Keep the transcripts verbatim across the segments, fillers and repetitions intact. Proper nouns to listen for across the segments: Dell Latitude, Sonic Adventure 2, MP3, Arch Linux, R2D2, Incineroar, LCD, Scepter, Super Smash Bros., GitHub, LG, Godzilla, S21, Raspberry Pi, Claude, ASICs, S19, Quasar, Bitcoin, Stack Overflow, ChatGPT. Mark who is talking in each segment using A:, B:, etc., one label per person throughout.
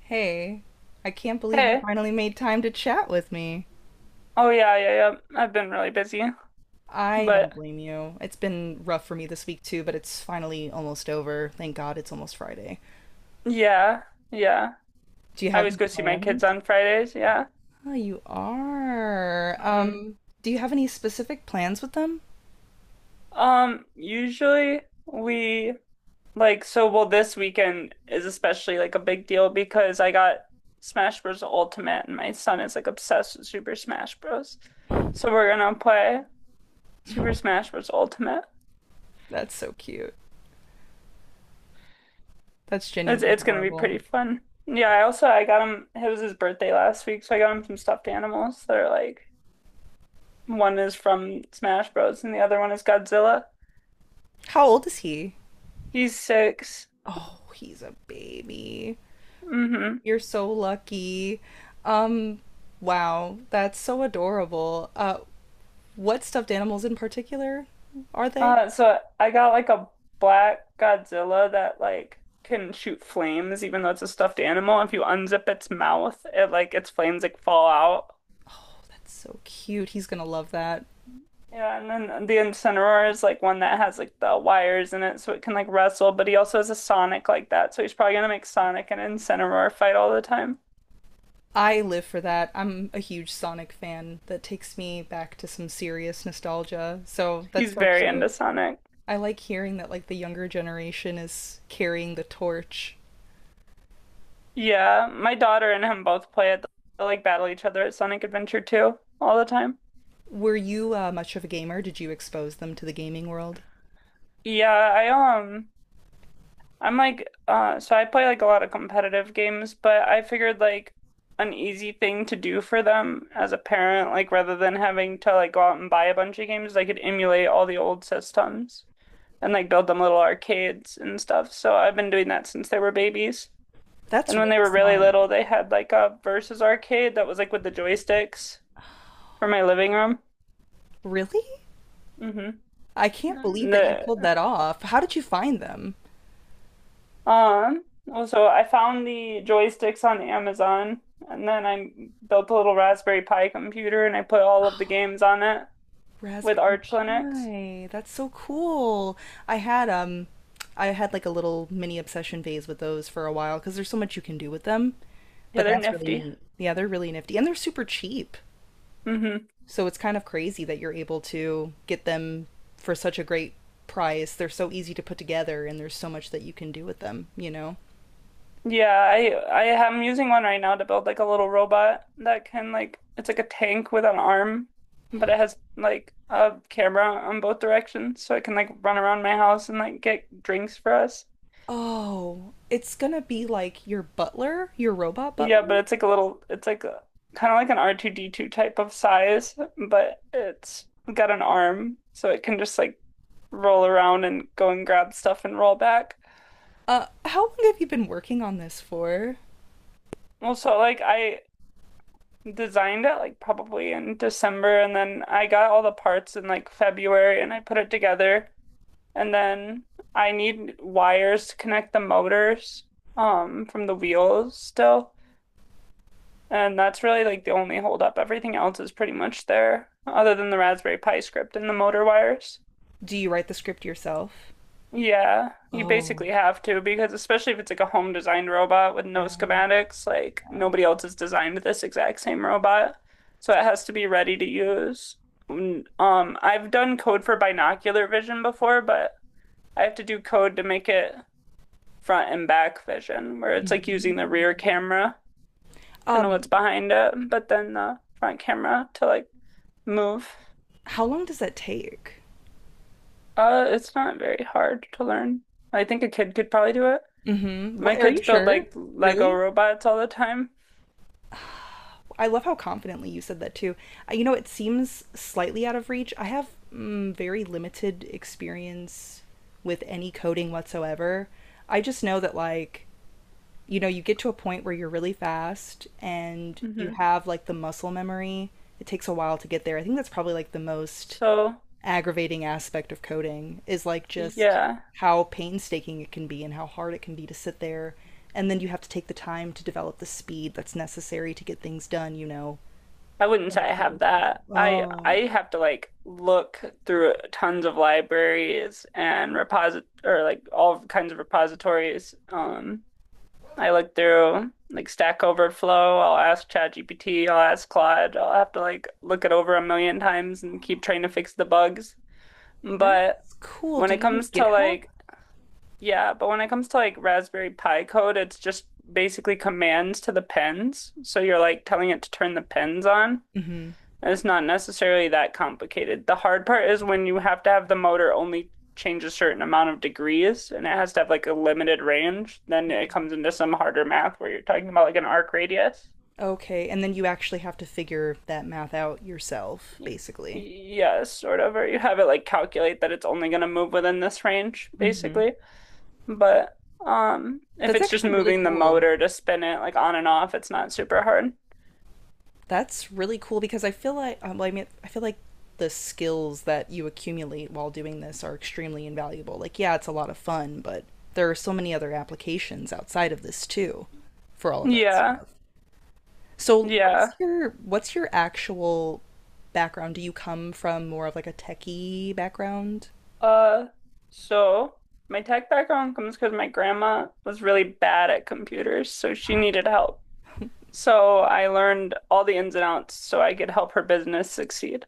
A: Hey, I can't believe you
B: Hey.
A: finally made time to chat with me.
B: Oh yeah, yeah, yeah. I've been really busy,
A: I don't
B: but
A: blame you. It's been rough for me this week too, but it's finally almost over. Thank God it's almost Friday.
B: yeah, yeah.
A: Do you
B: I
A: have
B: always
A: any
B: go see my kids
A: plans?
B: on Fridays, yeah.
A: Oh, you are.
B: hmm
A: Um, do you have any specific plans with them?
B: Um, usually we like so well this weekend is especially like a big deal because I got Smash Bros. Ultimate and my son is like obsessed with Super Smash Bros. So we're gonna play Super Smash Bros. Ultimate.
A: That's so cute. That's
B: It's
A: genuinely
B: it's gonna be
A: adorable.
B: pretty fun. Yeah, I also I got him it was his birthday last week, so I got him some stuffed animals that are like one is from Smash Bros. And the other one is Godzilla.
A: How old is he?
B: He's six.
A: Oh, he's a baby.
B: Mm-hmm.
A: You're so lucky. Um, wow, that's so adorable. Uh, What stuffed animals in particular are they?
B: Uh, so I got like a black Godzilla that like can shoot flames, even though it's a stuffed animal. If you unzip its mouth, it like its flames like fall out.
A: That's so cute. He's gonna love that.
B: Yeah, and then the Incineroar is like one that has like the wires in it, so it can like wrestle. But he also has a Sonic like that, so he's probably gonna make Sonic and Incineroar fight all the time.
A: I live for that. I'm a huge Sonic fan. That takes me back to some serious nostalgia. So that's
B: He's
A: so
B: very into
A: cute.
B: Sonic.
A: I like hearing that like the younger generation is carrying the torch.
B: Yeah, my daughter and him both play it. They like battle each other at Sonic Adventure two all the time.
A: Were you uh, much of a gamer? Did you expose them to the gaming world?
B: Yeah, I um I'm like uh so I play like a lot of competitive games, but I figured like an easy thing to do for them as a parent, like rather than having to like go out and buy a bunch of games, I could emulate all the old systems and like build them little arcades and stuff. So I've been doing that since they were babies.
A: That's
B: And when they
A: really
B: were really
A: smart.
B: little, they had like a versus arcade that was like with the joysticks for my living room.
A: Really?
B: hmm
A: I can't believe that you
B: The
A: pulled that off. How did you find them?
B: um also I found the joysticks on Amazon, and then I built a little Raspberry Pi computer and I put all of the games on it with
A: Raspberry
B: Arch Linux.
A: Pi. That's so cool. I had um I had like a little mini obsession phase with those for a while because there's so much you can do with them.
B: Yeah,
A: But
B: they're
A: that's really
B: nifty.
A: neat. Yeah, they're really nifty and they're super cheap.
B: hmm
A: So it's kind of crazy that you're able to get them for such a great price. They're so easy to put together and there's so much that you can do with them, you know?
B: Yeah, I I am using one right now to build like a little robot that can like it's like a tank with an arm, but it has like a camera on both directions so it can like run around my house and like get drinks for us.
A: Oh, it's gonna be like your butler, your robot
B: Yeah, but
A: butler.
B: it's like a little, it's like a, kind of like an R two D two type of size, but it's got an arm, so it can just like roll around and go and grab stuff and roll back.
A: Uh, how long have you been working on this for?
B: Well, so like I designed it like probably in December, and then I got all the parts in like February and I put it together. And then I need wires to connect the motors um from the wheels still. And that's really like the only holdup. Everything else is pretty much there, other than the Raspberry Pi script and the motor wires.
A: Do you write the script yourself?
B: Yeah, you basically
A: Oh.
B: have to because especially if it's like a home designed robot with no
A: Yeah.
B: schematics, like
A: Yeah.
B: nobody else has designed this exact same robot. So it has to be ready to use. Mm, Um, I've done code for binocular vision before, but I have to do code to make it front and back vision, where
A: Yeah.
B: it's like using the rear camera to
A: Um,
B: know what's behind it, but then the front camera to like move.
A: how long does that take?
B: Uh, it's not very hard to learn. I think a kid could probably do it.
A: Mm-hmm.
B: My
A: What are
B: kids
A: you
B: build
A: sure?
B: like Lego
A: Really?
B: robots all the time.
A: I love how confidently you said that too. Uh, You know, it seems slightly out of reach. I have mm, very limited experience with any coding whatsoever. I just know that like, you know, you get to a point where you're really fast and you
B: hmm
A: have like the muscle memory. It takes a while to get there. I think that's probably like the most
B: So,
A: aggravating aspect of coding is like just
B: yeah,
A: how painstaking it can be and how hard it can be to sit there and then you have to take the time to develop the speed that's necessary to get things done, you know,
B: I wouldn't
A: and
B: say I
A: as quickly
B: have
A: as possible.
B: that. I
A: Oh,
B: I have to like look through tons of libraries and reposit or like all kinds of repositories. um I look through like Stack Overflow. I'll ask ChatGPT. I'll ask Claude. I'll have to like look it over a million times and keep trying to fix the bugs. But
A: that's cool.
B: when
A: Do
B: it
A: you use
B: comes to
A: GitHub?
B: like, yeah, but when it comes to like Raspberry Pi code, it's just basically commands to the pens. So you're like telling it to turn the pens on.
A: Mm-hmm.
B: And it's not necessarily that complicated. The hard part is when you have to have the motor only change a certain amount of degrees and it has to have like a limited range, then it comes into some harder math where you're talking about like an arc radius.
A: Okay, and then you actually have to figure that math out yourself,
B: Y-
A: basically.
B: Yeah, sort of, or you have it like calculate that it's only going to move within this range, basically. But um, if
A: That's
B: it's just
A: actually really
B: moving the
A: cool.
B: motor to spin it like on and off, it's not super hard.
A: That's really cool because I feel like um, well, I mean I feel like the skills that you accumulate while doing this are extremely invaluable. Like yeah, it's a lot of fun, but there are so many other applications outside of this too for all of that
B: Yeah,
A: stuff. So
B: yeah.
A: what's your what's your actual background? Do you come from more of like a techie background?
B: Uh, so my tech background comes because my grandma was really bad at computers, so she needed help. So I learned all the ins and outs so I could help her business succeed,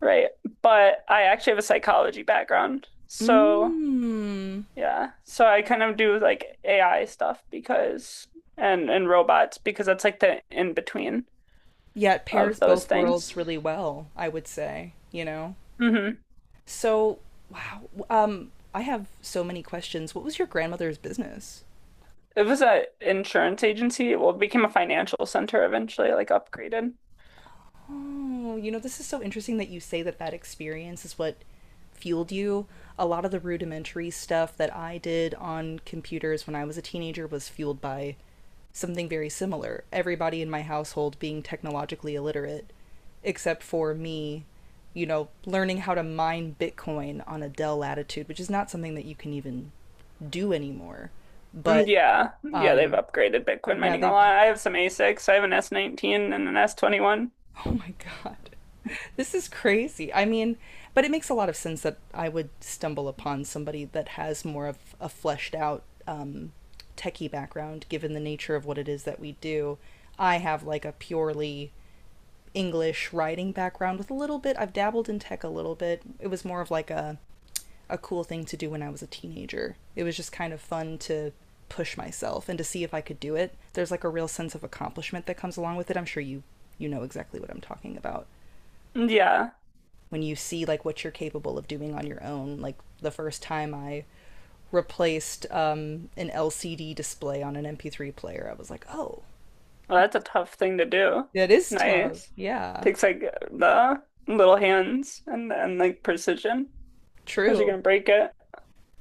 B: right? But I actually have a psychology background. So
A: Mm.
B: yeah, so I kind of do like A I stuff because and and robots because that's like the in between
A: Yeah, it
B: of
A: pairs
B: those
A: both worlds
B: things.
A: really well, I would say, you know?
B: hmm
A: So, wow. Um, I have so many questions. What was your grandmother's business?
B: It was an insurance agency. Well, it became a financial center eventually, like upgraded.
A: Oh, you know, this is so interesting that you say that that experience is what fueled you. A lot of the rudimentary stuff that I did on computers when I was a teenager was fueled by something very similar. Everybody in my household being technologically illiterate, except for me, you know, learning how to mine Bitcoin on a Dell Latitude, which is not something that you can even do anymore. But
B: Mm, Yeah, yeah, they've
A: um,
B: upgraded Bitcoin
A: yeah,
B: mining a
A: they
B: lot. I have some ASICs. I have an S nineteen and an S twenty-one.
A: oh my God. This is crazy. I mean, but it makes a lot of sense that I would stumble upon somebody that has more of a fleshed out um, techie background, given the nature of what it is that we do. I have like a purely English writing background with a little bit, I've dabbled in tech a little bit. It was more of like a a cool thing to do when I was a teenager. It was just kind of fun to push myself and to see if I could do it. There's like a real sense of accomplishment that comes along with it. I'm sure you you know exactly what I'm talking about.
B: Mm, Yeah,
A: When you see like what you're capable of doing on your own, like the first time I replaced um, an L C D display on an M P three player, I was like, "Oh,
B: well, that's a tough thing to do.
A: that is tough."
B: Nice.
A: Yeah,
B: Takes like the little hands, and and like precision. How's you
A: true.
B: gonna break it?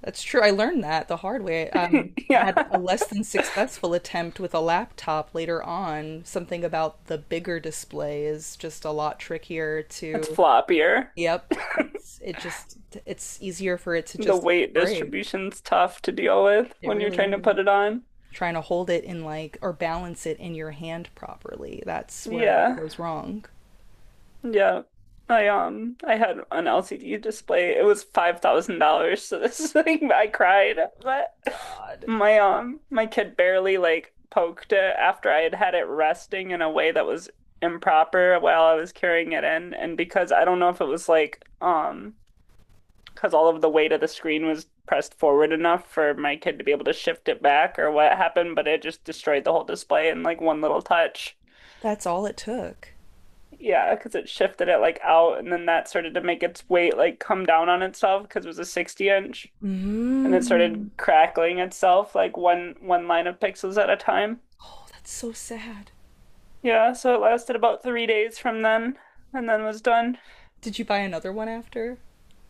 A: That's true. I learned that the hard way. Um, I
B: Yeah,
A: had a less than successful attempt with a laptop later on. Something about the bigger display is just a lot trickier
B: it's
A: to.
B: floppier.
A: Yep. It's, it just, it's easier for it to
B: The
A: just
B: weight
A: break.
B: distribution's tough to deal with
A: It
B: when you're
A: really
B: trying to
A: is.
B: put it on.
A: Trying to hold it in like, or balance it in your hand properly. That's where it all
B: Yeah.
A: goes wrong.
B: Yeah. I um I had an L C D display. It was five thousand dollars so this thing I cried. But
A: God.
B: my um my kid barely like poked it after I had had it resting in a way that was improper while I was carrying it in. And because I don't know if it was like um because all of the weight of the screen was pressed forward enough for my kid to be able to shift it back or what happened, but it just destroyed the whole display in like one little touch.
A: That's all it took.
B: Yeah, because it shifted it like out, and then that started to make its weight like come down on itself because it was a sixty inch, and it
A: Mm.
B: started crackling itself like one one line of pixels at a time.
A: Oh, that's so sad.
B: Yeah, so it lasted about three days from then, and then was done.
A: Did you buy another one after?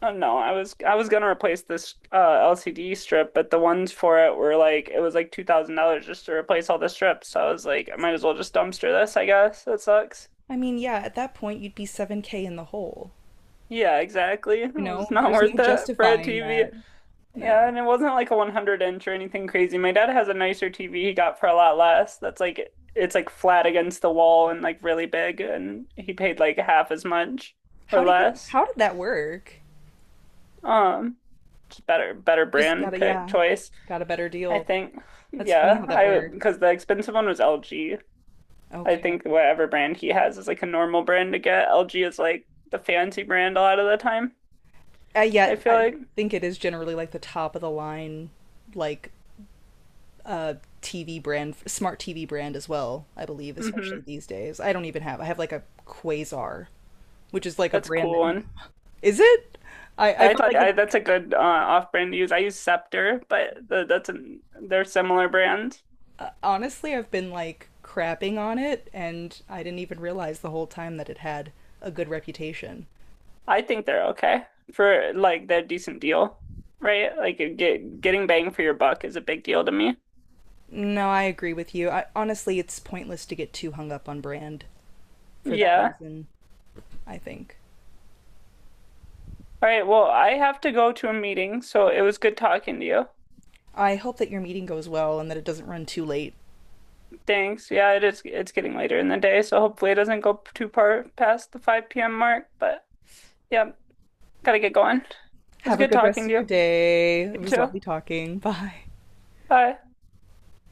B: Oh no, I was I was gonna replace this uh, L C D strip, but the ones for it were like it was like two thousand dollars just to replace all the strips. So I was like, I might as well just dumpster this, I guess. That sucks.
A: I mean, yeah, at that point you'd be seven k in the hole.
B: Yeah, exactly. It
A: You
B: was
A: know,
B: not
A: there's no
B: worth it for a
A: justifying
B: T V.
A: that.
B: Yeah,
A: No.
B: and it wasn't like a one hundred inch or anything crazy. My dad has a nicer T V he got for a lot less. That's like it's like flat against the wall and like really big and he paid like half as much or
A: How did you
B: less.
A: how did that work?
B: Um, just better better
A: Just got
B: brand
A: a
B: pick
A: yeah,
B: choice,
A: got a better
B: I
A: deal.
B: think.
A: That's funny
B: Yeah,
A: how that
B: I
A: works.
B: because the expensive one was L G. I
A: Okay.
B: think whatever brand he has is like a normal brand to get. L G is like the fancy brand a lot of the time.
A: Uh,
B: I
A: yeah,
B: feel
A: I
B: like.
A: think it is generally like the top of the line like uh T V brand smart T V brand as well, I believe, especially
B: Mm-hmm.
A: these days. I don't even have. I have like a Quasar, which is like a
B: That's a
A: brand
B: cool
A: that
B: one.
A: is it? I I
B: I
A: felt
B: like
A: like
B: I,
A: it
B: that's a good uh, off-brand to use. I use Scepter, but th- that's an they're similar brands.
A: honestly, I've been like crapping on it, and I didn't even realize the whole time that it had a good reputation.
B: I think they're okay for like they're a decent deal, right? Like you get getting bang for your buck is a big deal to me.
A: No, I agree with you. I, honestly, it's pointless to get too hung up on brand for that
B: Yeah.
A: reason, I think.
B: All right. Well, I have to go to a meeting, so it was good talking to you.
A: I hope that your meeting goes well and that it doesn't run too late.
B: Thanks. Yeah, it is. It's getting later in the day, so hopefully it doesn't go too far past the five p m mark. But yeah, gotta get going. It was
A: Have a
B: good
A: good rest
B: talking
A: of
B: to
A: your
B: you.
A: day. It
B: You
A: was
B: too.
A: lovely talking. Bye.
B: Bye.